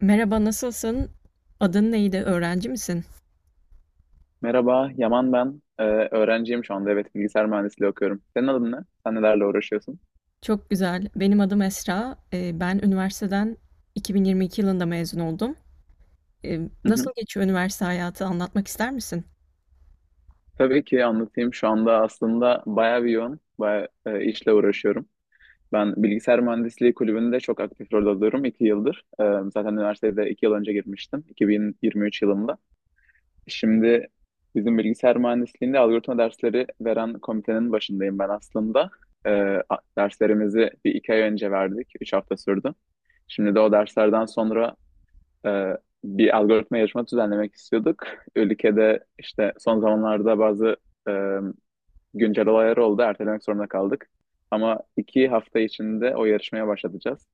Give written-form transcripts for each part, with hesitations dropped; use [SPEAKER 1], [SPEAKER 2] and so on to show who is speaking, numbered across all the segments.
[SPEAKER 1] Merhaba, nasılsın? Adın neydi? Öğrenci misin?
[SPEAKER 2] Merhaba, Yaman ben. Öğrenciyim şu anda. Evet, bilgisayar mühendisliği okuyorum. Senin adın ne? Sen nelerle uğraşıyorsun?
[SPEAKER 1] Çok güzel. Benim adım Esra. Ben üniversiteden 2022 yılında mezun oldum.
[SPEAKER 2] Hı hı.
[SPEAKER 1] Nasıl geçiyor üniversite hayatı? Anlatmak ister misin?
[SPEAKER 2] Tabii ki anlatayım. Şu anda aslında bayağı bir yoğun, bayağı işle uğraşıyorum. Ben bilgisayar mühendisliği kulübünde çok aktif rol alıyorum iki yıldır. Zaten üniversitede iki yıl önce girmiştim, 2023 yılında. Şimdi bizim bilgisayar mühendisliğinde algoritma dersleri veren komitenin başındayım ben aslında. Ee, derslerimizi bir iki ay önce verdik, üç hafta sürdü. Şimdi de o derslerden sonra e, bir algoritma yarışma düzenlemek istiyorduk. Ülkede işte son zamanlarda bazı e, güncel olaylar oldu. Ertelemek zorunda kaldık. Ama iki hafta içinde o yarışmaya başlatacağız.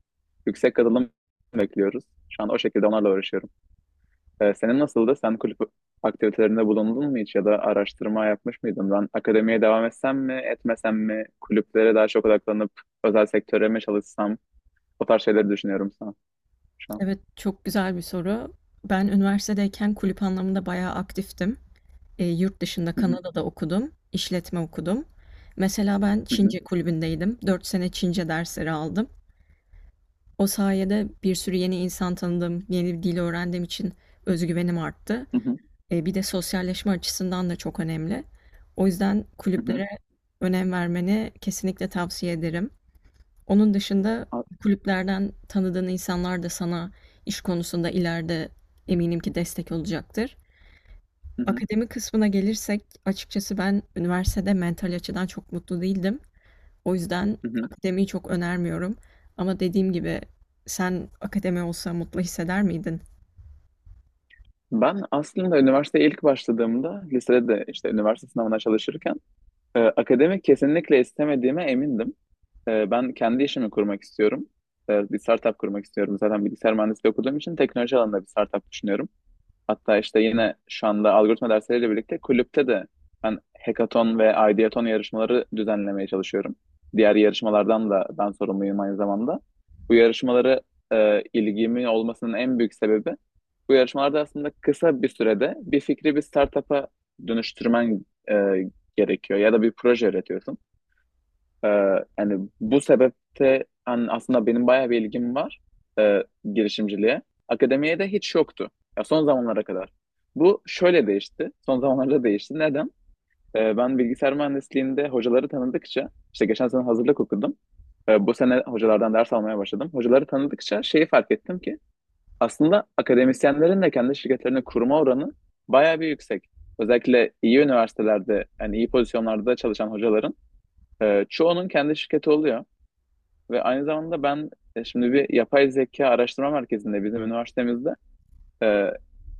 [SPEAKER 2] Yüksek katılım bekliyoruz. Şu an o şekilde onlarla uğraşıyorum. Senin nasıldı? Sen kulüp aktivitelerinde bulundun mu hiç ya da araştırma yapmış mıydın? Ben akademiye devam etsem mi, etmesem mi? Kulüplere daha çok odaklanıp özel sektöre mi çalışsam? O tarz şeyleri düşünüyorum sana şu an.
[SPEAKER 1] Evet, çok güzel bir soru. Ben üniversitedeyken kulüp anlamında bayağı aktiftim. Yurt dışında
[SPEAKER 2] Hı hı,
[SPEAKER 1] Kanada'da okudum, işletme okudum. Mesela ben
[SPEAKER 2] hı hı,
[SPEAKER 1] Çince kulübündeydim. 4 sene Çince dersleri aldım. O sayede bir sürü yeni insan tanıdım, yeni bir dil öğrendiğim için özgüvenim arttı.
[SPEAKER 2] hı hı,
[SPEAKER 1] Bir de sosyalleşme açısından da çok önemli. O yüzden
[SPEAKER 2] hı
[SPEAKER 1] kulüplere önem vermeni kesinlikle tavsiye ederim. Onun dışında
[SPEAKER 2] hı.
[SPEAKER 1] kulüplerden tanıdığın insanlar da sana iş konusunda ileride eminim ki destek olacaktır.
[SPEAKER 2] Hı hı,
[SPEAKER 1] Akademi kısmına gelirsek açıkçası ben üniversitede mental açıdan çok mutlu değildim. O yüzden
[SPEAKER 2] hı hı.
[SPEAKER 1] akademiyi çok önermiyorum. Ama dediğim gibi sen akademi olsa mutlu hisseder miydin?
[SPEAKER 2] Ben aslında üniversiteye ilk başladığımda lisede de işte üniversite sınavına çalışırken akademik kesinlikle istemediğime emindim. Ben kendi işimi kurmak istiyorum. Bir startup kurmak istiyorum. Zaten bilgisayar mühendisliği okuduğum için teknoloji alanında bir startup düşünüyorum. Hatta işte yine şu anda algoritma dersleriyle birlikte kulüpte de ben hackathon ve ideathon yarışmaları düzenlemeye çalışıyorum. Diğer yarışmalardan da ben sorumluyum aynı zamanda. Bu yarışmaları ilgimin olmasının en büyük sebebi bu yarışmalarda aslında kısa bir sürede bir fikri bir startup'a dönüştürmen gerekiyor ya da bir proje üretiyorsun. Ee, yani bu sebepte hani aslında benim bayağı bir ilgim var e, girişimciliğe. Akademiye de hiç yoktu. Ya son zamanlara kadar. Bu şöyle değişti. Son zamanlarda değişti. Neden? Ben bilgisayar mühendisliğinde hocaları tanıdıkça, işte geçen sene hazırlık okudum. Bu sene hocalardan ders almaya başladım. Hocaları tanıdıkça şeyi fark ettim ki aslında akademisyenlerin de kendi şirketlerini kurma oranı bayağı bir yüksek. Özellikle iyi üniversitelerde, yani iyi pozisyonlarda çalışan hocaların çoğunun kendi şirketi oluyor. Ve aynı zamanda ben şimdi bir yapay zeka araştırma merkezinde bizim üniversitemizde e,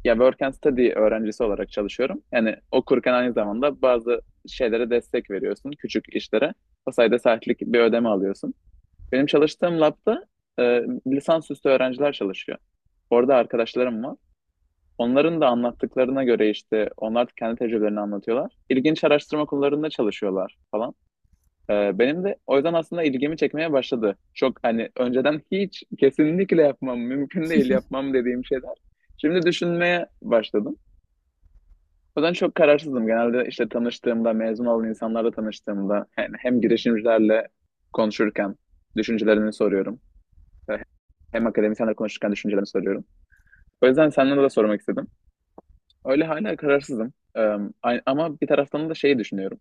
[SPEAKER 2] ya Work and Study öğrencisi olarak çalışıyorum. Yani okurken aynı zamanda bazı şeylere destek veriyorsun, küçük işlere. O sayede saatlik bir ödeme alıyorsun. Benim çalıştığım labda e, lisansüstü öğrenciler çalışıyor. Orada arkadaşlarım var. Onların da anlattıklarına göre işte onlar kendi tecrübelerini anlatıyorlar. İlginç araştırma konularında çalışıyorlar falan. Benim de o yüzden aslında ilgimi çekmeye başladı. Çok hani önceden hiç kesinlikle yapmam, mümkün değil yapmam dediğim şeyler. Şimdi düşünmeye başladım. O yüzden çok kararsızdım. Genelde işte tanıştığımda, mezun olan insanlarla tanıştığımda yani hem girişimcilerle konuşurken düşüncelerini soruyorum. Hem akademisyenlerle konuşurken düşüncelerini soruyorum. O yüzden senden de sormak istedim. Öyle hala kararsızım. Ama bir taraftan da şeyi düşünüyorum.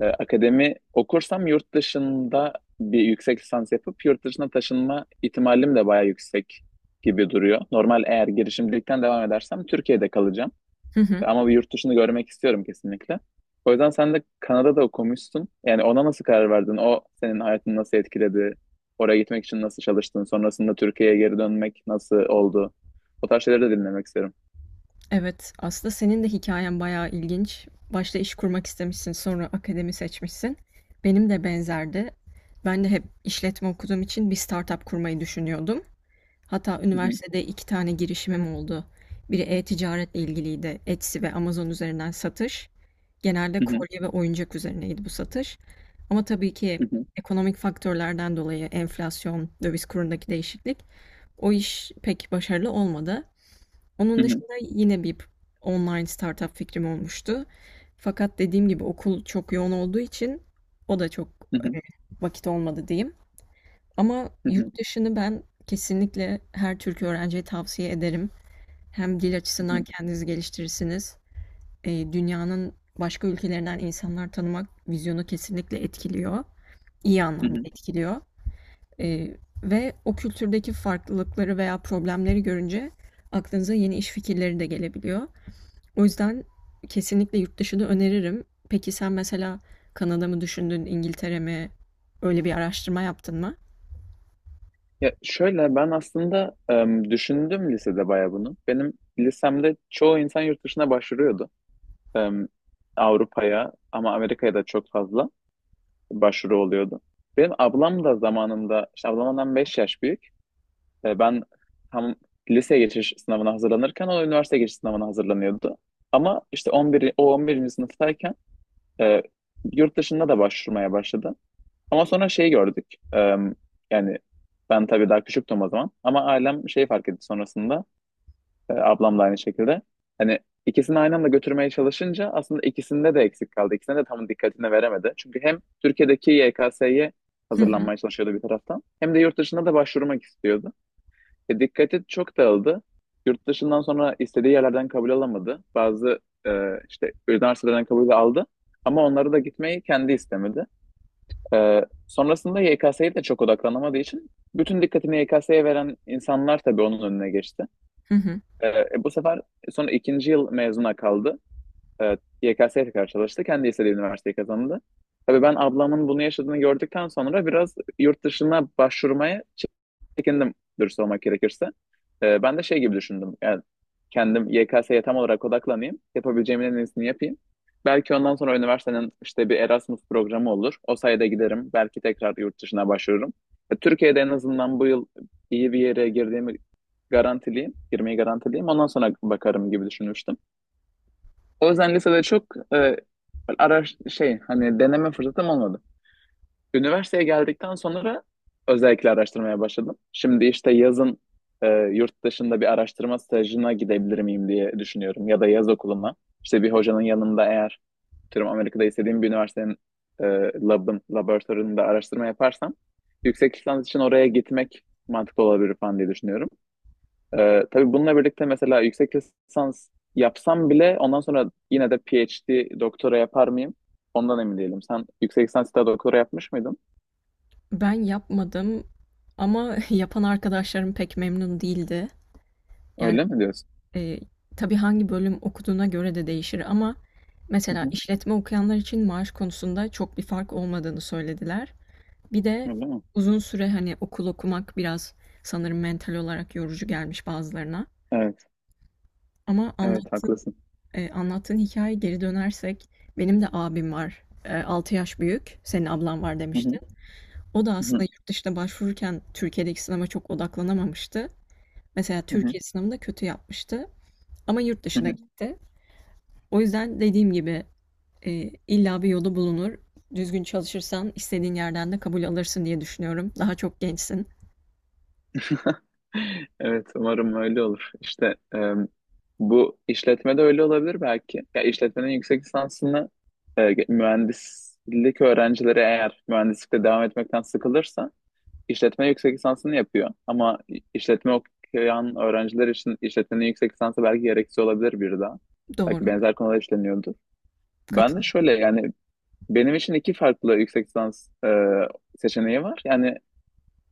[SPEAKER 2] Akademi okursam yurt dışında bir yüksek lisans yapıp yurt dışına taşınma ihtimalim de bayağı yüksek gibi duruyor. Normal eğer girişimcilikten devam edersem Türkiye'de kalacağım.
[SPEAKER 1] Hı hı.
[SPEAKER 2] Ama bir yurt dışını görmek istiyorum kesinlikle. O yüzden sen de Kanada'da okumuşsun. Yani ona nasıl karar verdin? O senin hayatını nasıl etkiledi? Oraya gitmek için nasıl çalıştın? Sonrasında Türkiye'ye geri dönmek nasıl oldu? O tarz şeyleri de dinlemek isterim.
[SPEAKER 1] Evet, aslında senin de hikayen bayağı ilginç. Başta iş kurmak istemişsin, sonra akademi seçmişsin. Benim de benzerdi. Ben de hep işletme okuduğum için bir startup kurmayı düşünüyordum. Hatta
[SPEAKER 2] Hı hı,
[SPEAKER 1] üniversitede 2 tane girişimim oldu. Biri e-ticaretle ilgiliydi. Etsy ve Amazon üzerinden satış. Genelde
[SPEAKER 2] hı hı,
[SPEAKER 1] kolye ve oyuncak üzerineydi bu satış. Ama tabii ki
[SPEAKER 2] hı hı,
[SPEAKER 1] ekonomik faktörlerden dolayı enflasyon, döviz kurundaki değişiklik o iş pek başarılı olmadı. Onun dışında yine bir online startup fikrim olmuştu. Fakat dediğim gibi okul çok yoğun olduğu için o da çok
[SPEAKER 2] hı hı,
[SPEAKER 1] vakit olmadı diyeyim. Ama
[SPEAKER 2] hı hı, hı hı,
[SPEAKER 1] yurt dışını ben kesinlikle her Türk öğrenciye tavsiye ederim. Hem dil
[SPEAKER 2] hı
[SPEAKER 1] açısından
[SPEAKER 2] hı,
[SPEAKER 1] kendinizi geliştirirsiniz. Dünyanın başka ülkelerinden insanlar tanımak vizyonu kesinlikle etkiliyor. İyi
[SPEAKER 2] hı
[SPEAKER 1] anlamda
[SPEAKER 2] hı.
[SPEAKER 1] etkiliyor. E, ve o kültürdeki farklılıkları veya problemleri görünce aklınıza yeni iş fikirleri de gelebiliyor. O yüzden kesinlikle yurt dışını öneririm. Peki sen mesela Kanada mı düşündün, İngiltere mi? Öyle bir araştırma yaptın mı?
[SPEAKER 2] Ya şöyle ben aslında düşündüm lisede bayağı bunu. Benim lisemde çoğu insan yurt dışına başvuruyordu. Em, Avrupa'ya ama Amerika'ya da çok fazla başvuru oluyordu. Benim ablam da zamanında, işte ablamdan 5 yaş büyük. Ben tam lise geçiş sınavına hazırlanırken o üniversite geçiş sınavına hazırlanıyordu. Ama işte 11, o 11. sınıftayken e, yurt dışında da başvurmaya başladı. Ama sonra şeyi gördük. Eee, yani ben tabii daha küçüktüm o zaman. Ama ailem şeyi fark etti sonrasında. Ablam da aynı şekilde. Hani ikisini aynı anda götürmeye çalışınca aslında ikisinde de eksik kaldı. İkisine de tam dikkatini veremedi. Çünkü hem Türkiye'deki YKS'ye
[SPEAKER 1] Hı hı.
[SPEAKER 2] hazırlanmaya çalışıyordu bir taraftan. Hem de yurt dışına da başvurmak istiyordu. Dikkati çok dağıldı. Yurt dışından sonra istediği yerlerden kabul alamadı. Bazı e, işte üniversitelerden kabul aldı. Ama onlara da gitmeyi kendi istemedi. Sonrasında YKS'ye de çok odaklanamadığı için bütün dikkatini YKS'ye veren insanlar tabii onun önüne geçti.
[SPEAKER 1] Hı hı.
[SPEAKER 2] Bu sefer sonra ikinci yıl mezuna kaldı. Evet, YKS'ye tekrar çalıştı. Kendi istediği üniversiteyi kazandı. Tabii ben ablamın bunu yaşadığını gördükten sonra biraz yurt dışına başvurmaya çekindim dürüst olmak gerekirse. Ben de şey gibi düşündüm. Yani kendim YKS'ye tam olarak odaklanayım. Yapabileceğimin en iyisini yapayım. Belki ondan sonra üniversitenin işte bir Erasmus programı olur. O sayede giderim. Belki tekrar yurt dışına başvururum. Türkiye'de en azından bu yıl iyi bir yere girdiğimi garantileyim. Girmeyi garantileyim. Ondan sonra bakarım gibi düşünmüştüm. O yüzden lisede çok e, araş şey hani deneme fırsatım olmadı. Üniversiteye geldikten sonra özellikle araştırmaya başladım. Şimdi işte yazın yurt dışında bir araştırma stajına gidebilir miyim diye düşünüyorum ya da yaz okuluna. İşte bir hocanın yanında eğer tüm Amerika'da istediğim bir üniversitenin e, laboratuvarında araştırma yaparsam yüksek lisans için oraya gitmek mantıklı olabilir falan diye düşünüyorum. Tabii bununla birlikte mesela yüksek lisans yapsam bile ondan sonra yine de PhD doktora yapar mıyım? Ondan emin değilim. Sen yüksek lisans da doktora yapmış mıydın?
[SPEAKER 1] Ben yapmadım ama yapan arkadaşlarım pek memnun değildi. Yani
[SPEAKER 2] Öyle mi diyorsun?
[SPEAKER 1] e, tabii hangi bölüm okuduğuna göre de değişir ama
[SPEAKER 2] Hı
[SPEAKER 1] mesela
[SPEAKER 2] hı.
[SPEAKER 1] işletme okuyanlar için maaş konusunda çok bir fark olmadığını söylediler. Bir de
[SPEAKER 2] Öyle mi?
[SPEAKER 1] uzun süre hani okul okumak biraz sanırım mental olarak yorucu gelmiş bazılarına.
[SPEAKER 2] Evet.
[SPEAKER 1] Ama
[SPEAKER 2] Evet haklısın.
[SPEAKER 1] anlattığın hikaye geri dönersek benim de abim var. Altı yaş büyük. Senin ablan var
[SPEAKER 2] Hı
[SPEAKER 1] demiştin.
[SPEAKER 2] hı.
[SPEAKER 1] O da
[SPEAKER 2] Hı
[SPEAKER 1] aslında
[SPEAKER 2] hı.
[SPEAKER 1] yurt dışına başvururken Türkiye'deki sınava çok odaklanamamıştı. Mesela
[SPEAKER 2] Hı hı.
[SPEAKER 1] Türkiye sınavında kötü yapmıştı ama yurt
[SPEAKER 2] Hı
[SPEAKER 1] dışına
[SPEAKER 2] hı.
[SPEAKER 1] gitti. O yüzden dediğim gibi e, illa bir yolu bulunur. Düzgün çalışırsan istediğin yerden de kabul alırsın diye düşünüyorum. Daha çok gençsin.
[SPEAKER 2] Evet umarım öyle olur. İşte bu işletmede öyle olabilir belki. Ya işletmenin yüksek lisansını mühendislik öğrencileri eğer mühendislikte devam etmekten sıkılırsa işletme yüksek lisansını yapıyor. Ama işletme okuyan öğrenciler için işletmenin yüksek lisansı belki gereksiz olabilir bir daha. Belki
[SPEAKER 1] Doğru.
[SPEAKER 2] benzer konular işleniyordu. Ben de
[SPEAKER 1] Katılıyorum.
[SPEAKER 2] şöyle yani benim için iki farklı yüksek lisans seçeneği var. Yani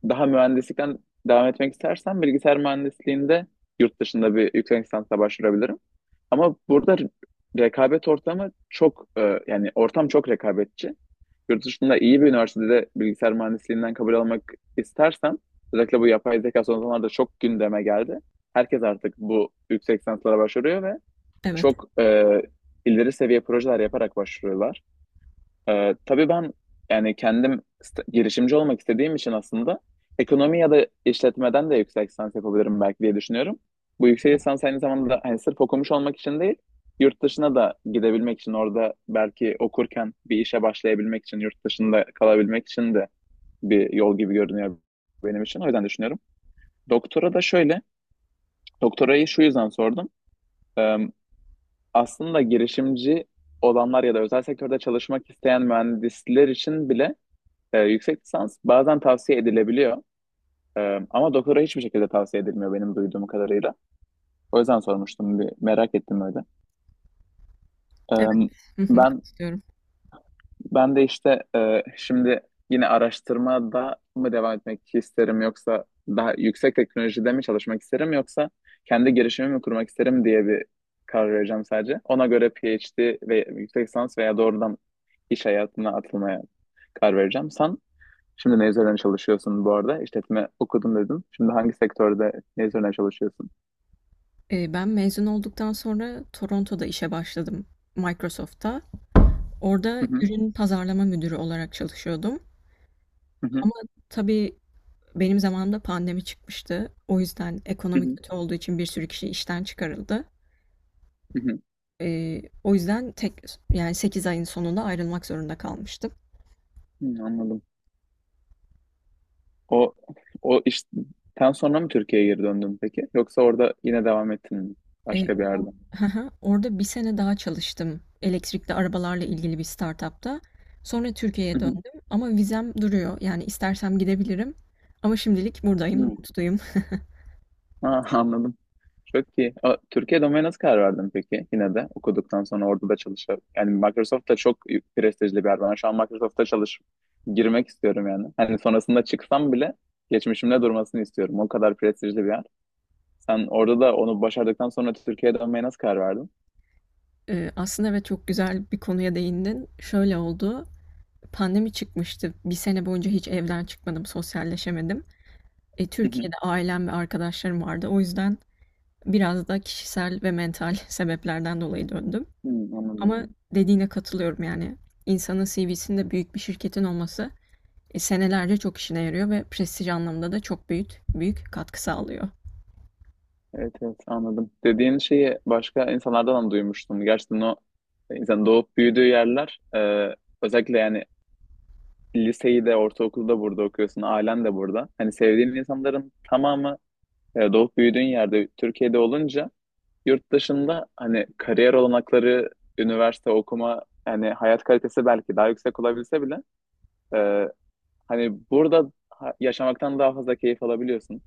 [SPEAKER 2] daha mühendislikten devam etmek istersen bilgisayar mühendisliğinde yurt dışında bir yüksek lisansa başvurabilirim. Ama burada rekabet ortamı çok yani ortam çok rekabetçi. Yurt dışında iyi bir üniversitede bilgisayar mühendisliğinden kabul almak istersen özellikle bu yapay zeka son zamanlarda çok gündeme geldi. Herkes artık bu yüksek lisanslara başvuruyor ve
[SPEAKER 1] Evet.
[SPEAKER 2] çok ileri seviye projeler yaparak başvuruyorlar. Tabii ben yani kendim girişimci olmak istediğim için aslında ekonomi ya da işletmeden de yüksek lisans yapabilirim belki diye düşünüyorum. Bu yüksek
[SPEAKER 1] Evet.
[SPEAKER 2] lisans aynı zamanda hani sırf okumuş olmak için değil, yurt dışına da gidebilmek için orada belki okurken bir işe başlayabilmek için, yurt dışında kalabilmek için de bir yol gibi görünüyor benim için. O yüzden düşünüyorum. Doktora da şöyle, doktorayı şu yüzden sordum. Ee, aslında girişimci olanlar ya da özel sektörde çalışmak isteyen mühendisler için bile yüksek lisans bazen tavsiye edilebiliyor. Ama doktora hiçbir şekilde tavsiye edilmiyor benim duyduğum kadarıyla. O yüzden sormuştum bir merak ettim öyle.
[SPEAKER 1] Evet.
[SPEAKER 2] Ee,
[SPEAKER 1] Hı hı,
[SPEAKER 2] ben
[SPEAKER 1] katılıyorum.
[SPEAKER 2] ben de işte şimdi yine araştırmada mı devam etmek isterim yoksa daha yüksek teknolojide mi çalışmak isterim yoksa kendi girişimimi mi kurmak isterim diye bir karar vereceğim sadece. Ona göre PhD ve yüksek lisans veya doğrudan iş hayatına atılmaya karar vereceğim. Sen şimdi ne üzerine çalışıyorsun bu arada? İşletme okudum dedim. Şimdi hangi sektörde ne üzerine çalışıyorsun?
[SPEAKER 1] Ben mezun olduktan sonra Toronto'da işe başladım. Microsoft'ta.
[SPEAKER 2] Hı
[SPEAKER 1] Orada
[SPEAKER 2] hı,
[SPEAKER 1] ürün pazarlama müdürü olarak çalışıyordum
[SPEAKER 2] hı hı,
[SPEAKER 1] ama tabii benim zamanımda pandemi çıkmıştı. O yüzden
[SPEAKER 2] hı
[SPEAKER 1] ekonomi
[SPEAKER 2] hı,
[SPEAKER 1] kötü olduğu için bir sürü kişi işten çıkarıldı.
[SPEAKER 2] hı hı.
[SPEAKER 1] O yüzden yani 8 ayın sonunda ayrılmak zorunda kalmıştım.
[SPEAKER 2] Hı, anladım. O o işten sonra mı Türkiye'ye geri döndün peki? Yoksa orada yine devam ettin mi?
[SPEAKER 1] Eee,
[SPEAKER 2] Başka bir
[SPEAKER 1] o,
[SPEAKER 2] yerde.
[SPEAKER 1] orada bir sene daha çalıştım elektrikli arabalarla ilgili bir startupta. Sonra
[SPEAKER 2] Hı
[SPEAKER 1] Türkiye'ye
[SPEAKER 2] hı,
[SPEAKER 1] döndüm ama vizem duruyor. Yani istersem gidebilirim. Ama şimdilik buradayım,
[SPEAKER 2] hı.
[SPEAKER 1] mutluyum.
[SPEAKER 2] Ha, anladım. Çok iyi. A, Türkiye domaine nasıl karar verdin peki? Yine de okuduktan sonra orada da çalışıyor. Yani Microsoft da çok prestijli bir yer. Ben şu an Microsoft'ta girmek istiyorum yani. Hani sonrasında çıksam bile geçmişimde durmasını istiyorum. O kadar prestijli bir yer. Sen orada da onu başardıktan sonra Türkiye'ye dönmeye nasıl karar verdin?
[SPEAKER 1] Aslında evet çok güzel bir konuya değindin. Şöyle oldu. Pandemi çıkmıştı. Bir sene boyunca hiç evden çıkmadım, sosyalleşemedim. E,
[SPEAKER 2] Hı hı.
[SPEAKER 1] Türkiye'de ailem ve arkadaşlarım vardı. O yüzden biraz da kişisel ve mental sebeplerden dolayı döndüm.
[SPEAKER 2] Hı, anladım.
[SPEAKER 1] Ama dediğine katılıyorum yani. İnsanın CV'sinde büyük bir şirketin olması, senelerce çok işine yarıyor ve prestij anlamında da çok büyük büyük katkı sağlıyor.
[SPEAKER 2] Evet, evet, anladım. Dediğin şeyi başka insanlardan da duymuştum. Gerçekten o insan doğup büyüdüğü yerler özellikle yani liseyi de ortaokulu da burada okuyorsun, ailen de burada. Hani sevdiğin insanların tamamı doğup büyüdüğün yerde Türkiye'de olunca yurt dışında hani kariyer olanakları, üniversite okuma, hani hayat kalitesi belki daha yüksek olabilse bile e, hani burada yaşamaktan daha fazla keyif alabiliyorsun.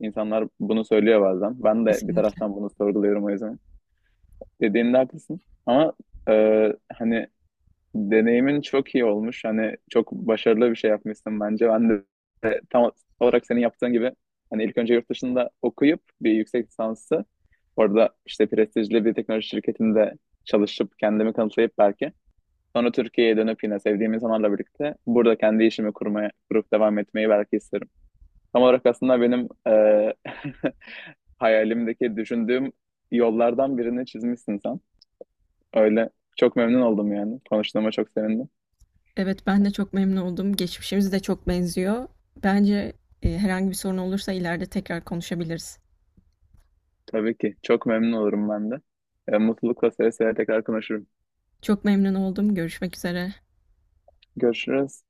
[SPEAKER 2] İnsanlar bunu söylüyor bazen. Ben de bir
[SPEAKER 1] Kesinlikle.
[SPEAKER 2] taraftan bunu sorguluyorum o yüzden. Dediğinde haklısın. Ama hani deneyimin çok iyi olmuş. Hani çok başarılı bir şey yapmışsın bence. Ben de tam olarak senin yaptığın gibi hani ilk önce yurt dışında okuyup bir yüksek lisansı orada işte prestijli bir teknoloji şirketinde çalışıp kendimi kanıtlayıp belki sonra Türkiye'ye dönüp yine sevdiğim insanlarla birlikte burada kendi işimi kurmaya, kurup devam etmeyi belki isterim. Tam olarak aslında benim hayalimdeki düşündüğüm yollardan birini çizmişsin sen. Öyle çok memnun oldum yani. Konuştuğuma çok sevindim.
[SPEAKER 1] Evet ben de çok memnun oldum. Geçmişimiz de çok benziyor. Bence herhangi bir sorun olursa ileride tekrar konuşabiliriz.
[SPEAKER 2] Tabii ki. Çok memnun olurum ben de. Mutlulukla seve seve tekrar konuşurum.
[SPEAKER 1] Çok memnun oldum. Görüşmek üzere.
[SPEAKER 2] Görüşürüz.